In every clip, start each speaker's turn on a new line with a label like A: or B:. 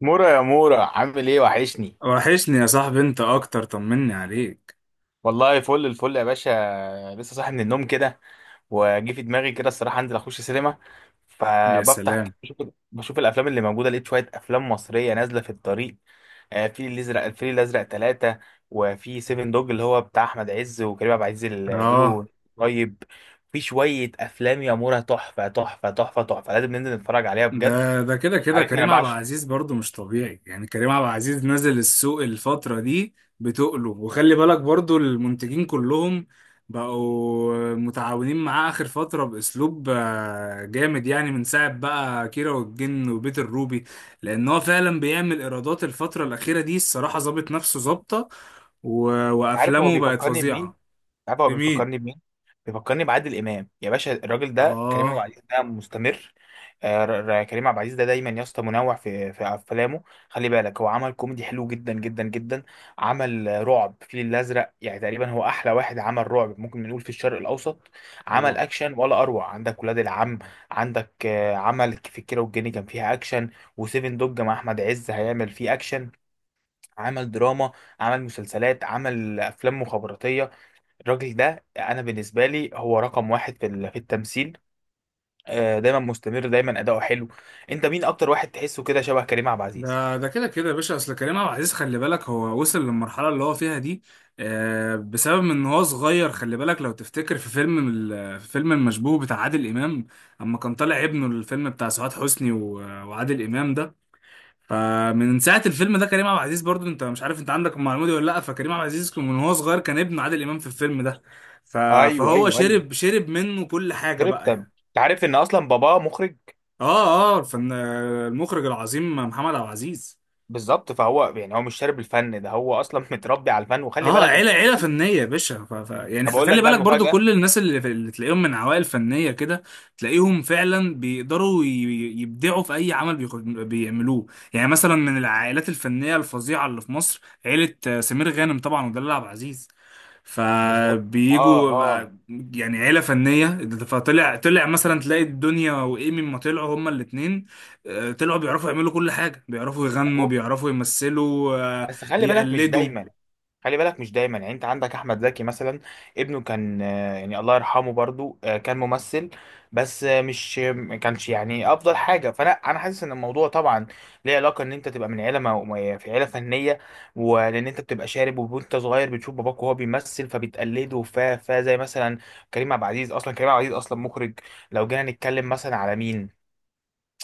A: مورا، يا مورا، عامل ايه؟ وحشني.
B: وحشني يا صاحبي، انت اكتر. طمني عليك.
A: والله فل الفل يا باشا. لسه صاحي من النوم كده وجي في دماغي كده الصراحه انزل اخش سينما.
B: يا
A: فبفتح
B: سلام.
A: بشوف, بشوف الافلام اللي موجوده. لقيت شويه افلام مصريه نازله في الطريق. في الازرق، الفيل الازرق ثلاثة، وفي سيفن دوج اللي هو بتاع احمد عز وكريم عبد العزيز اللي بيقولوا.
B: اه.
A: طيب، في شويه افلام يا مورا تحفه تحفه تحفه تحفه، لازم ننزل نتفرج عليها بجد.
B: ده كده
A: عارفني انا
B: كريم عبد
A: بعشق.
B: العزيز برضو مش طبيعي. يعني كريم عبد العزيز نزل السوق الفترة دي بتقله. وخلي بالك برضو المنتجين كلهم بقوا متعاونين معاه آخر فترة بأسلوب جامد، يعني من ساعة بقى كيرة والجن وبيت الروبي. لأن هو فعلا بيعمل إيرادات الفترة الأخيرة دي. الصراحة ظابط نفسه ظابطة.
A: عارف هو
B: وأفلامه بقت
A: بيفكرني بمين؟
B: فظيعة.
A: عارف هو
B: في مين؟
A: بيفكرني بمين؟ بيفكرني بعادل امام يا باشا. الراجل ده كريم عبد
B: آه
A: العزيز ده مستمر. كريم عبد العزيز ده دايما يا اسطى منوع في افلامه. خلي بالك هو عمل كوميدي حلو جدا جدا جدا. عمل رعب الفيل الازرق، يعني تقريبا هو احلى واحد عمل رعب، ممكن نقول في الشرق الاوسط. عمل
B: طبعا.
A: اكشن ولا اروع، عندك ولاد العم. عندك عمل في الكيرة والجن كان فيها اكشن، وسيفن دوج مع احمد عز هيعمل فيه اكشن. عمل دراما، عمل مسلسلات، عمل افلام مخابراتيه. الراجل ده انا بالنسبه لي هو رقم واحد في في التمثيل. دايما مستمر، دايما اداؤه حلو. انت مين اكتر واحد تحسه كده شبه كريم عبد العزيز؟
B: ده كده يا باشا، اصل كريم عبد العزيز خلي بالك هو وصل للمرحله اللي هو فيها دي بسبب ان هو صغير. خلي بالك لو تفتكر في فيلم في فيلم المشبوه بتاع عادل امام، اما كان طالع ابنه الفيلم بتاع سعاد حسني وعادل امام ده. فمن ساعه الفيلم ده كريم عبد العزيز برضو، انت مش عارف انت عندك المعلومه دي ولا لا؟ فكريم عبد العزيز كان من هو صغير كان ابن عادل امام في الفيلم ده. ف-
A: ايوه،
B: فهو
A: ايوه، ايوه.
B: شرب منه كل حاجه
A: شربت
B: بقى
A: انت؟
B: يعني.
A: عارف ان اصلا باباه مخرج.
B: اه اه، الفن المخرج العظيم محمد عبد العزيز.
A: بالظبط، فهو يعني هو مش شارب الفن ده، هو اصلا متربي على الفن. وخلي
B: اه،
A: بالك انا
B: عيله فنيه يا باشا. يعني
A: بقول لك
B: خلي
A: بقى
B: بالك برضو
A: المفاجاه.
B: كل الناس اللي تلاقيهم من عوائل فنيه كده، تلاقيهم فعلا بيقدروا يبدعوا في اي عمل بيعملوه. يعني مثلا من العائلات الفنيه الفظيعه اللي في مصر عيله سمير غانم طبعا ودلال عبد العزيز.
A: بالظبط، اه،
B: فبيجوا
A: اه.
B: بقى، يعني عيله فنيه. فطلع مثلا، تلاقي الدنيا وايمي ما طلعوا هما الاثنين، طلعوا بيعرفوا يعملوا كل حاجه، بيعرفوا
A: لا،
B: يغنوا
A: و-
B: بيعرفوا يمثلوا. آه،
A: بس خلي بالك مش
B: بيقلدوا.
A: دايما. خلي بالك مش دايما يعني. انت عندك احمد زكي مثلا، ابنه كان يعني الله يرحمه برضو كان ممثل، بس مش ما كانش يعني افضل حاجه. فانا حاسس ان الموضوع طبعا ليه علاقه، ان انت تبقى من عيله في عيله فنيه، ولان انت بتبقى شارب وانت صغير بتشوف باباك وهو بيمثل فبتقلده. ف زي مثلا كريم عبد العزيز، اصلا كريم عبد العزيز اصلا مخرج. لو جينا نتكلم مثلا على مين،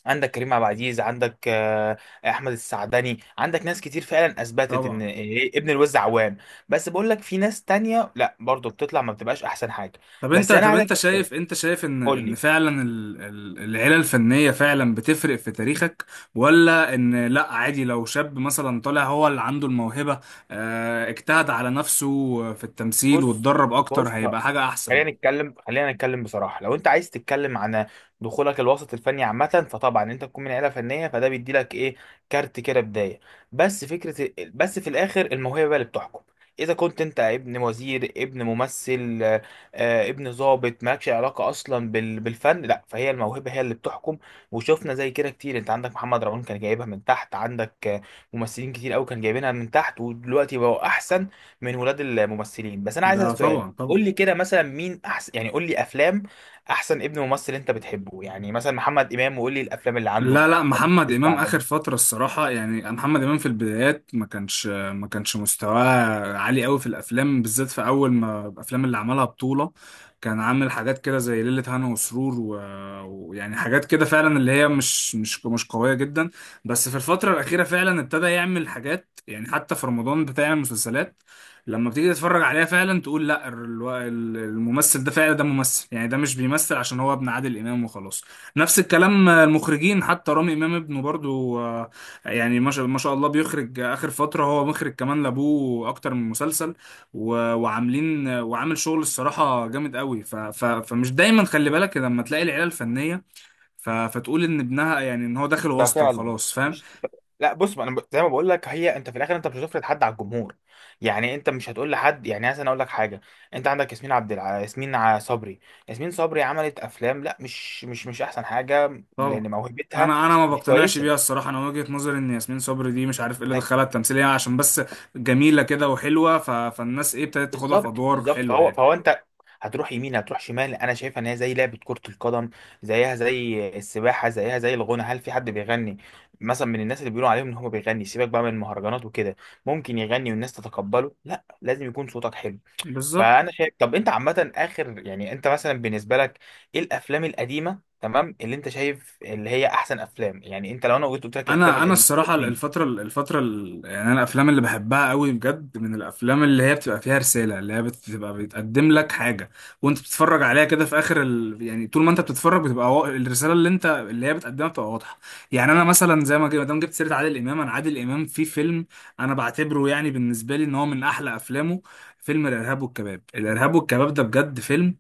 A: عندك كريم عبد العزيز، عندك احمد السعدني، عندك ناس كتير فعلا اثبتت ان
B: طبعا.
A: ابن الوز عوام. بس بقول لك في ناس تانية لا، برضو بتطلع ما بتبقاش احسن حاجه.
B: طب انت
A: بس انا
B: طب
A: عايز
B: انت شايف، انت شايف ان
A: قول
B: ان
A: لي.
B: فعلا العيله الفنيه فعلا بتفرق في تاريخك؟ ولا ان لا عادي لو شاب مثلا طالع هو اللي عنده الموهبه، اه، اجتهد على نفسه في التمثيل
A: بص،
B: واتدرب اكتر
A: بص،
B: هيبقى حاجه احسن؟
A: خلينا نتكلم، خلينا نتكلم بصراحه. لو انت عايز تتكلم عن دخولك الوسط الفني عامه، فطبعا انت تكون من عيله فنيه، فده بيدي لك ايه؟ كارت كده بدايه. بس فكره، بس في الاخر الموهبه بقى اللي بتحكم. اذا كنت انت ابن وزير، ابن ممثل، ابن ضابط، مالكش علاقه اصلا بالفن، لا، فهي الموهبه هي اللي بتحكم. وشفنا زي كده كتير، انت عندك محمد رمضان كان جايبها من تحت، عندك ممثلين كتير قوي كان جايبينها من تحت ودلوقتي بقوا احسن من ولاد الممثلين. بس انا عايز
B: ده
A: اسال سؤال،
B: طبعا طبعا.
A: قول لي كده مثلا مين احسن، يعني قول لي افلام احسن ابن ممثل انت بتحبه، يعني مثلا محمد امام، وقول لي الافلام اللي عنده.
B: لا لا، محمد امام
A: الثعبان؟
B: اخر فتره الصراحه، يعني محمد امام في البدايات ما كانش مستواه عالي قوي في الافلام، بالذات في اول ما الافلام اللي عملها بطوله، كان عامل حاجات كده زي ليله هنا وسرور ويعني حاجات كده فعلا اللي هي مش قويه جدا. بس في الفتره الاخيره فعلا ابتدى يعمل حاجات، يعني حتى في رمضان بتاع المسلسلات لما بتيجي تتفرج عليها فعلا تقول لا، الممثل ده فعلا ده ممثل، يعني ده مش بيمثل عشان هو ابن عادل امام وخلاص. نفس الكلام المخرجين، حتى رامي امام ابنه برضو يعني ما شاء الله، بيخرج اخر فتره هو مخرج كمان لابوه اكتر من مسلسل. وعامل شغل الصراحه جامد قوي. ف ف فمش دايما خلي بالك لما تلاقي العيله الفنيه، ف فتقول ان ابنها يعني ان هو داخل
A: ده
B: واسطه
A: فعلا
B: وخلاص، فاهم.
A: مش. لا بص، ما انا ب- زي ما بقول لك، هي انت في الاخر انت مش هتفرض حد على الجمهور. يعني انت مش هتقول لحد يعني، مثلا اقول لك حاجه، انت عندك ياسمين عبد الع... ياسمين ع- صبري. ياسمين صبري عملت افلام، لا، مش احسن حاجه
B: طبعا.
A: لان موهبتها
B: انا ما
A: مش
B: بقتنعش
A: كويسه.
B: بيها الصراحه. انا وجهه نظري ان ياسمين صبري دي مش عارف ايه اللي دخلها التمثيليه عشان بس جميله كده وحلوه، ف فالناس ايه ابتدت تاخدها في
A: بالظبط،
B: ادوار
A: بالظبط،
B: حلوه
A: فهو
B: يعني.
A: فهو انت هتروح يمين هتروح شمال. انا شايفها ان هي زي لعبه كره القدم، زيها زي السباحه، زيها زي الغنى. هل في حد بيغني مثلا من الناس اللي بيقولوا عليهم ان هو بيغني، سيبك بقى من المهرجانات وكده، ممكن يغني والناس تتقبله؟ لا، لازم يكون صوتك حلو.
B: بالظبط.
A: فانا شايف. طب انت عامه، اخر يعني انت مثلا بالنسبه لك ايه الافلام القديمه تمام اللي انت شايف اللي هي احسن افلام؟ يعني انت لو انا قلت، قلت لك الافلام
B: انا
A: القديمه.
B: الصراحه الفتره يعني انا الافلام اللي بحبها قوي بجد من الافلام اللي هي بتبقى فيها رساله، اللي هي بتبقى بتقدم لك حاجه وانت بتتفرج عليها كده في يعني طول ما انت بتتفرج بتبقى الرساله اللي انت اللي هي بتقدمها بتبقى واضحه. يعني انا مثلا زي ما جي- ما دام جبت سيره عادل امام، انا عادل امام في فيلم انا بعتبره يعني بالنسبه لي ان هو من احلى افلامه، فيلم الارهاب والكباب. الارهاب والكباب ده بجد فيلم،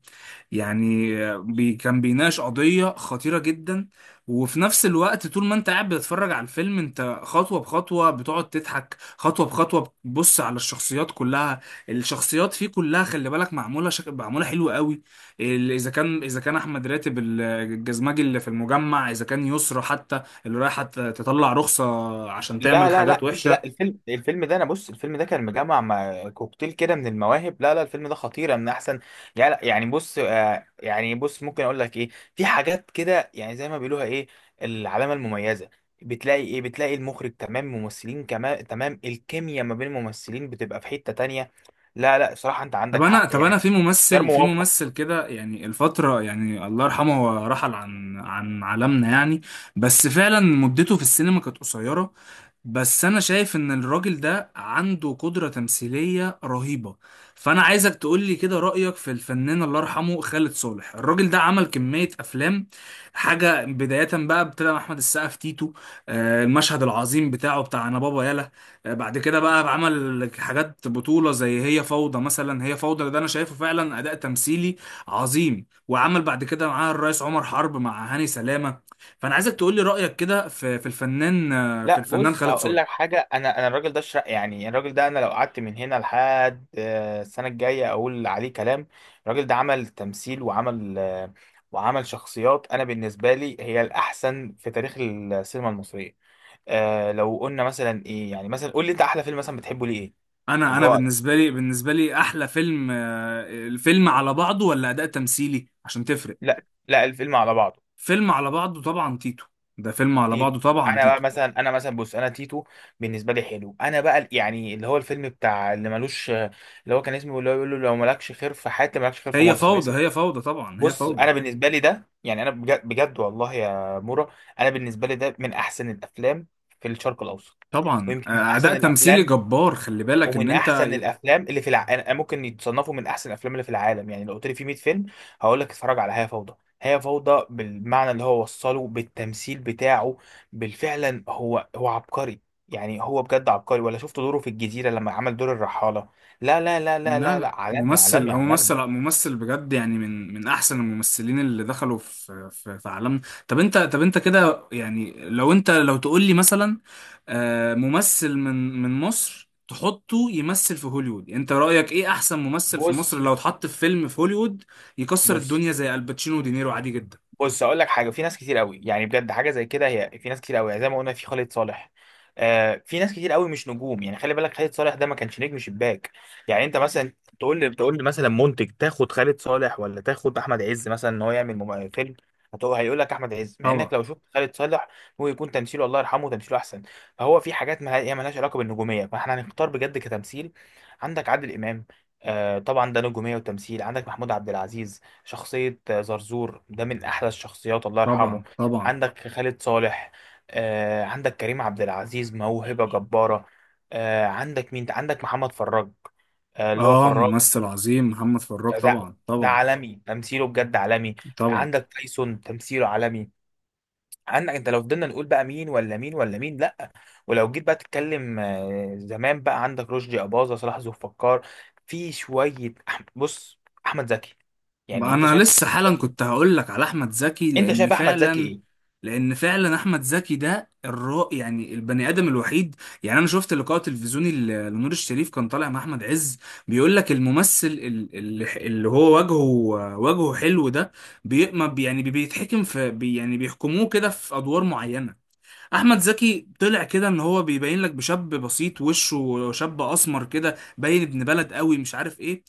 B: يعني بي كان بيناقش قضية خطيرة جدا، وفي نفس الوقت طول ما انت قاعد بتتفرج على الفيلم انت خطوة بخطوة بتقعد تضحك، خطوة بخطوة بتبص على الشخصيات كلها. الشخصيات فيه كلها خلي بالك معمولة معمولة حلوة قوي. اذا كان احمد راتب الجزمجي اللي في المجمع، اذا كان يسرى حتى اللي رايحة تطلع رخصة عشان تعمل
A: لا لا
B: حاجات
A: لا، بص، لا،
B: وحشة.
A: الفيلم الفيلم ده، انا بص، الفيلم ده كان مجمع مع كوكتيل كده من المواهب. لا لا، الفيلم ده خطيره، من احسن، يعني، لا، يعني بص آه، يعني بص ممكن اقول لك ايه، في حاجات كده يعني زي ما بيقولوها ايه، العلامه المميزه. بتلاقي ايه؟ بتلاقي المخرج تمام، ممثلين كمان تمام، الكيمياء ما بين الممثلين بتبقى في حته تانية. لا لا صراحه، انت
B: طب
A: عندك
B: انا
A: حق
B: طب
A: يعني.
B: انا في
A: غير
B: ممثل، في ممثل
A: موفق.
B: كده يعني الفتره، يعني الله يرحمه هو رحل عن عن عالمنا يعني، بس فعلا مدته في السينما كانت قصيره، بس انا شايف ان الراجل ده عنده قدره تمثيليه رهيبه. فانا عايزك تقول لي كده رايك في الفنان الله يرحمه خالد صالح. الراجل ده عمل كميه افلام. حاجه بدايه بقى، ابتدى مع احمد السقا في تيتو، المشهد العظيم بتاعه بتاع انا بابا يلا. بعد كده بقى عمل حاجات بطولة زي هي فوضى مثلا. هي فوضى ده انا شايفه فعلا اداء تمثيلي عظيم. وعمل بعد كده معاه الرئيس عمر حرب مع هاني سلامة. فانا عايزك تقول لي رأيك كده في الفنان، في
A: لا
B: الفنان
A: بص،
B: خالد
A: هقول
B: صالح.
A: لك حاجه، انا الراجل ده شر... يعني الراجل ده انا لو قعدت من هنا لحد السنه الجايه اقول عليه كلام. الراجل ده عمل تمثيل وعمل وعمل شخصيات، انا بالنسبه لي هي الاحسن في تاريخ السينما المصريه. آه، لو قلنا مثلا ايه، يعني مثلا قول لي انت احلى فيلم مثلا بتحبه ليه ايه
B: انا
A: اللي
B: انا
A: هو.
B: بالنسبة لي احلى فيلم الفيلم على بعضه ولا اداء تمثيلي، عشان تفرق.
A: لا لا، الفيلم على بعضه
B: فيلم على بعضه طبعا تيتو. ده فيلم على
A: تيتو.
B: بعضه طبعا
A: انا بقى
B: تيتو.
A: مثلا، انا مثلا بص، انا تيتو بالنسبه لي حلو. انا بقى يعني اللي هو الفيلم بتاع اللي ملوش، اللي هو كان اسمه، اللي هو بيقول له لو مالكش خير في حياتي مالكش خير في
B: هي
A: مصر،
B: فوضى،
A: اسم.
B: هي فوضى طبعا، هي
A: بص
B: فوضى.
A: انا بالنسبه لي ده يعني انا بجد, بجد والله يا مورا، انا بالنسبه لي ده من احسن الافلام في الشرق الاوسط،
B: طبعا
A: ويمكن من
B: اداء
A: احسن
B: تمثيلي
A: الافلام،
B: جبار، خلي بالك ان
A: ومن
B: انت.
A: احسن الافلام اللي في الع... أنا- ممكن يتصنفوا من احسن الافلام اللي في العالم. يعني لو قلت لي في 100 فيلم، هقول لك اتفرج على هي فوضى. هي فوضى بالمعنى اللي هو وصله بالتمثيل بتاعه. بالفعلا هو عبقري، يعني هو بجد عبقري. ولا شفت دوره في الجزيرة لما عمل دور الرحالة؟ لا لا لا لا
B: لا
A: لا لا،
B: لا
A: عالمي
B: ممثل،
A: عالمي
B: هو
A: عالمي.
B: ممثل ممثل بجد، يعني من احسن الممثلين اللي دخلوا في عالمنا. طب انت كده يعني لو انت لو تقول لي مثلا ممثل من مصر تحطه يمثل في هوليوود، انت رأيك ايه احسن ممثل في مصر
A: بص،
B: لو اتحط في فيلم في هوليوود يكسر
A: بص،
B: الدنيا زي الباتشينو ودينيرو عادي جدا؟
A: بص، اقول لك حاجه. في ناس كتير قوي يعني بجد حاجه زي كده، هي في ناس كتير قوي يعني زي ما قلنا في خالد صالح. آه، في ناس كتير قوي مش نجوم، يعني خلي بالك خالد صالح ده ما كانش نجم شباك. يعني انت مثلا تقول لي مثلا منتج، تاخد خالد صالح ولا تاخد احمد عز مثلا ان هو يعمل فيلم، هتقول، هيقول لك احمد عز، مع
B: طبعا.
A: انك لو شفت خالد صالح هو يكون تمثيله، الله يرحمه، تمثيله احسن. فهو في حاجات ما هي مالهاش علاقه بالنجوميه، فاحنا هنختار بجد كتمثيل. عندك عادل امام، آه طبعا ده نجوميه وتمثيل. عندك محمود عبد العزيز، شخصية زرزور ده من أحلى الشخصيات، الله يرحمه.
B: طبعا. طبعا.
A: عندك خالد صالح. عندك كريم عبد العزيز، موهبة جبارة. عندك مين؟ عندك محمد فراج، اللي هو
B: اه
A: فراج.
B: ممثل عظيم محمد فراج
A: ده
B: طبعا.
A: ده
B: طبعا.
A: عالمي، تمثيله بجد عالمي.
B: طبعا
A: عندك تايسون، تمثيله عالمي. عندك، انت لو فضلنا نقول بقى مين ولا مين ولا مين، لا. ولو جيت بقى تتكلم زمان بقى، عندك رشدي أباظة، صلاح ذو الفقار، في شوية أح- بص، أحمد زكي. يعني
B: بقى،
A: انت
B: انا
A: شايف،
B: لسه حالا كنت هقول لك على احمد زكي،
A: انت
B: لان
A: شايف احمد زكي
B: فعلا
A: ايه؟
B: لان فعلا احمد زكي ده الرا يعني البني ادم الوحيد. يعني انا شفت لقاء تلفزيوني لنور الشريف كان طالع مع احمد عز، بيقول لك الممثل اللي هو وجهه حلو ده بي ما بي- يعني بيتحكم في بي، يعني بيحكموه كده في ادوار معينة. احمد زكي طلع كده ان هو بيبين لك بشاب بسيط، وشه شاب اسمر كده باين ابن بلد قوي مش عارف ايه،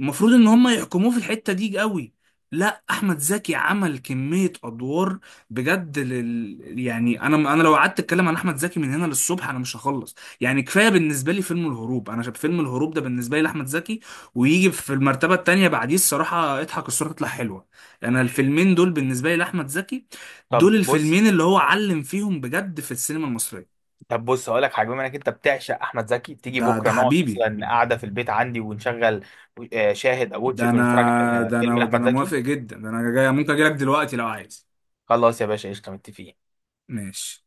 B: المفروض ان هم يحكموه في الحتة دي قوي، لا احمد زكي عمل كمية ادوار بجد يعني انا لو قعدت اتكلم عن احمد زكي من هنا للصبح انا مش هخلص. يعني كفاية بالنسبة لي فيلم الهروب، انا شايف فيلم الهروب ده بالنسبة لي لاحمد زكي، ويجي في المرتبة التانية بعديه الصراحة اضحك الصورة تطلع حلوة. انا الفيلمين دول بالنسبة لي لاحمد زكي، دول
A: طب بص،
B: الفيلمين اللي هو علم فيهم بجد في السينما المصرية.
A: طب بص، هقول لك حاجه، بما انك انت بتعشق احمد زكي، تيجي
B: ده ده
A: بكره نقعد
B: حبيبي.
A: مثلا قاعده في البيت عندي ونشغل شاهد او
B: ده
A: واتشت ونتفرج
B: انا
A: على
B: ده
A: فيلم
B: انا ده
A: لاحمد
B: انا
A: زكي.
B: موافق جدا، ده انا جاي، ممكن اجي لك دلوقتي لو عايز.
A: خلاص يا باشا، قشطه، متفقين.
B: ماشي.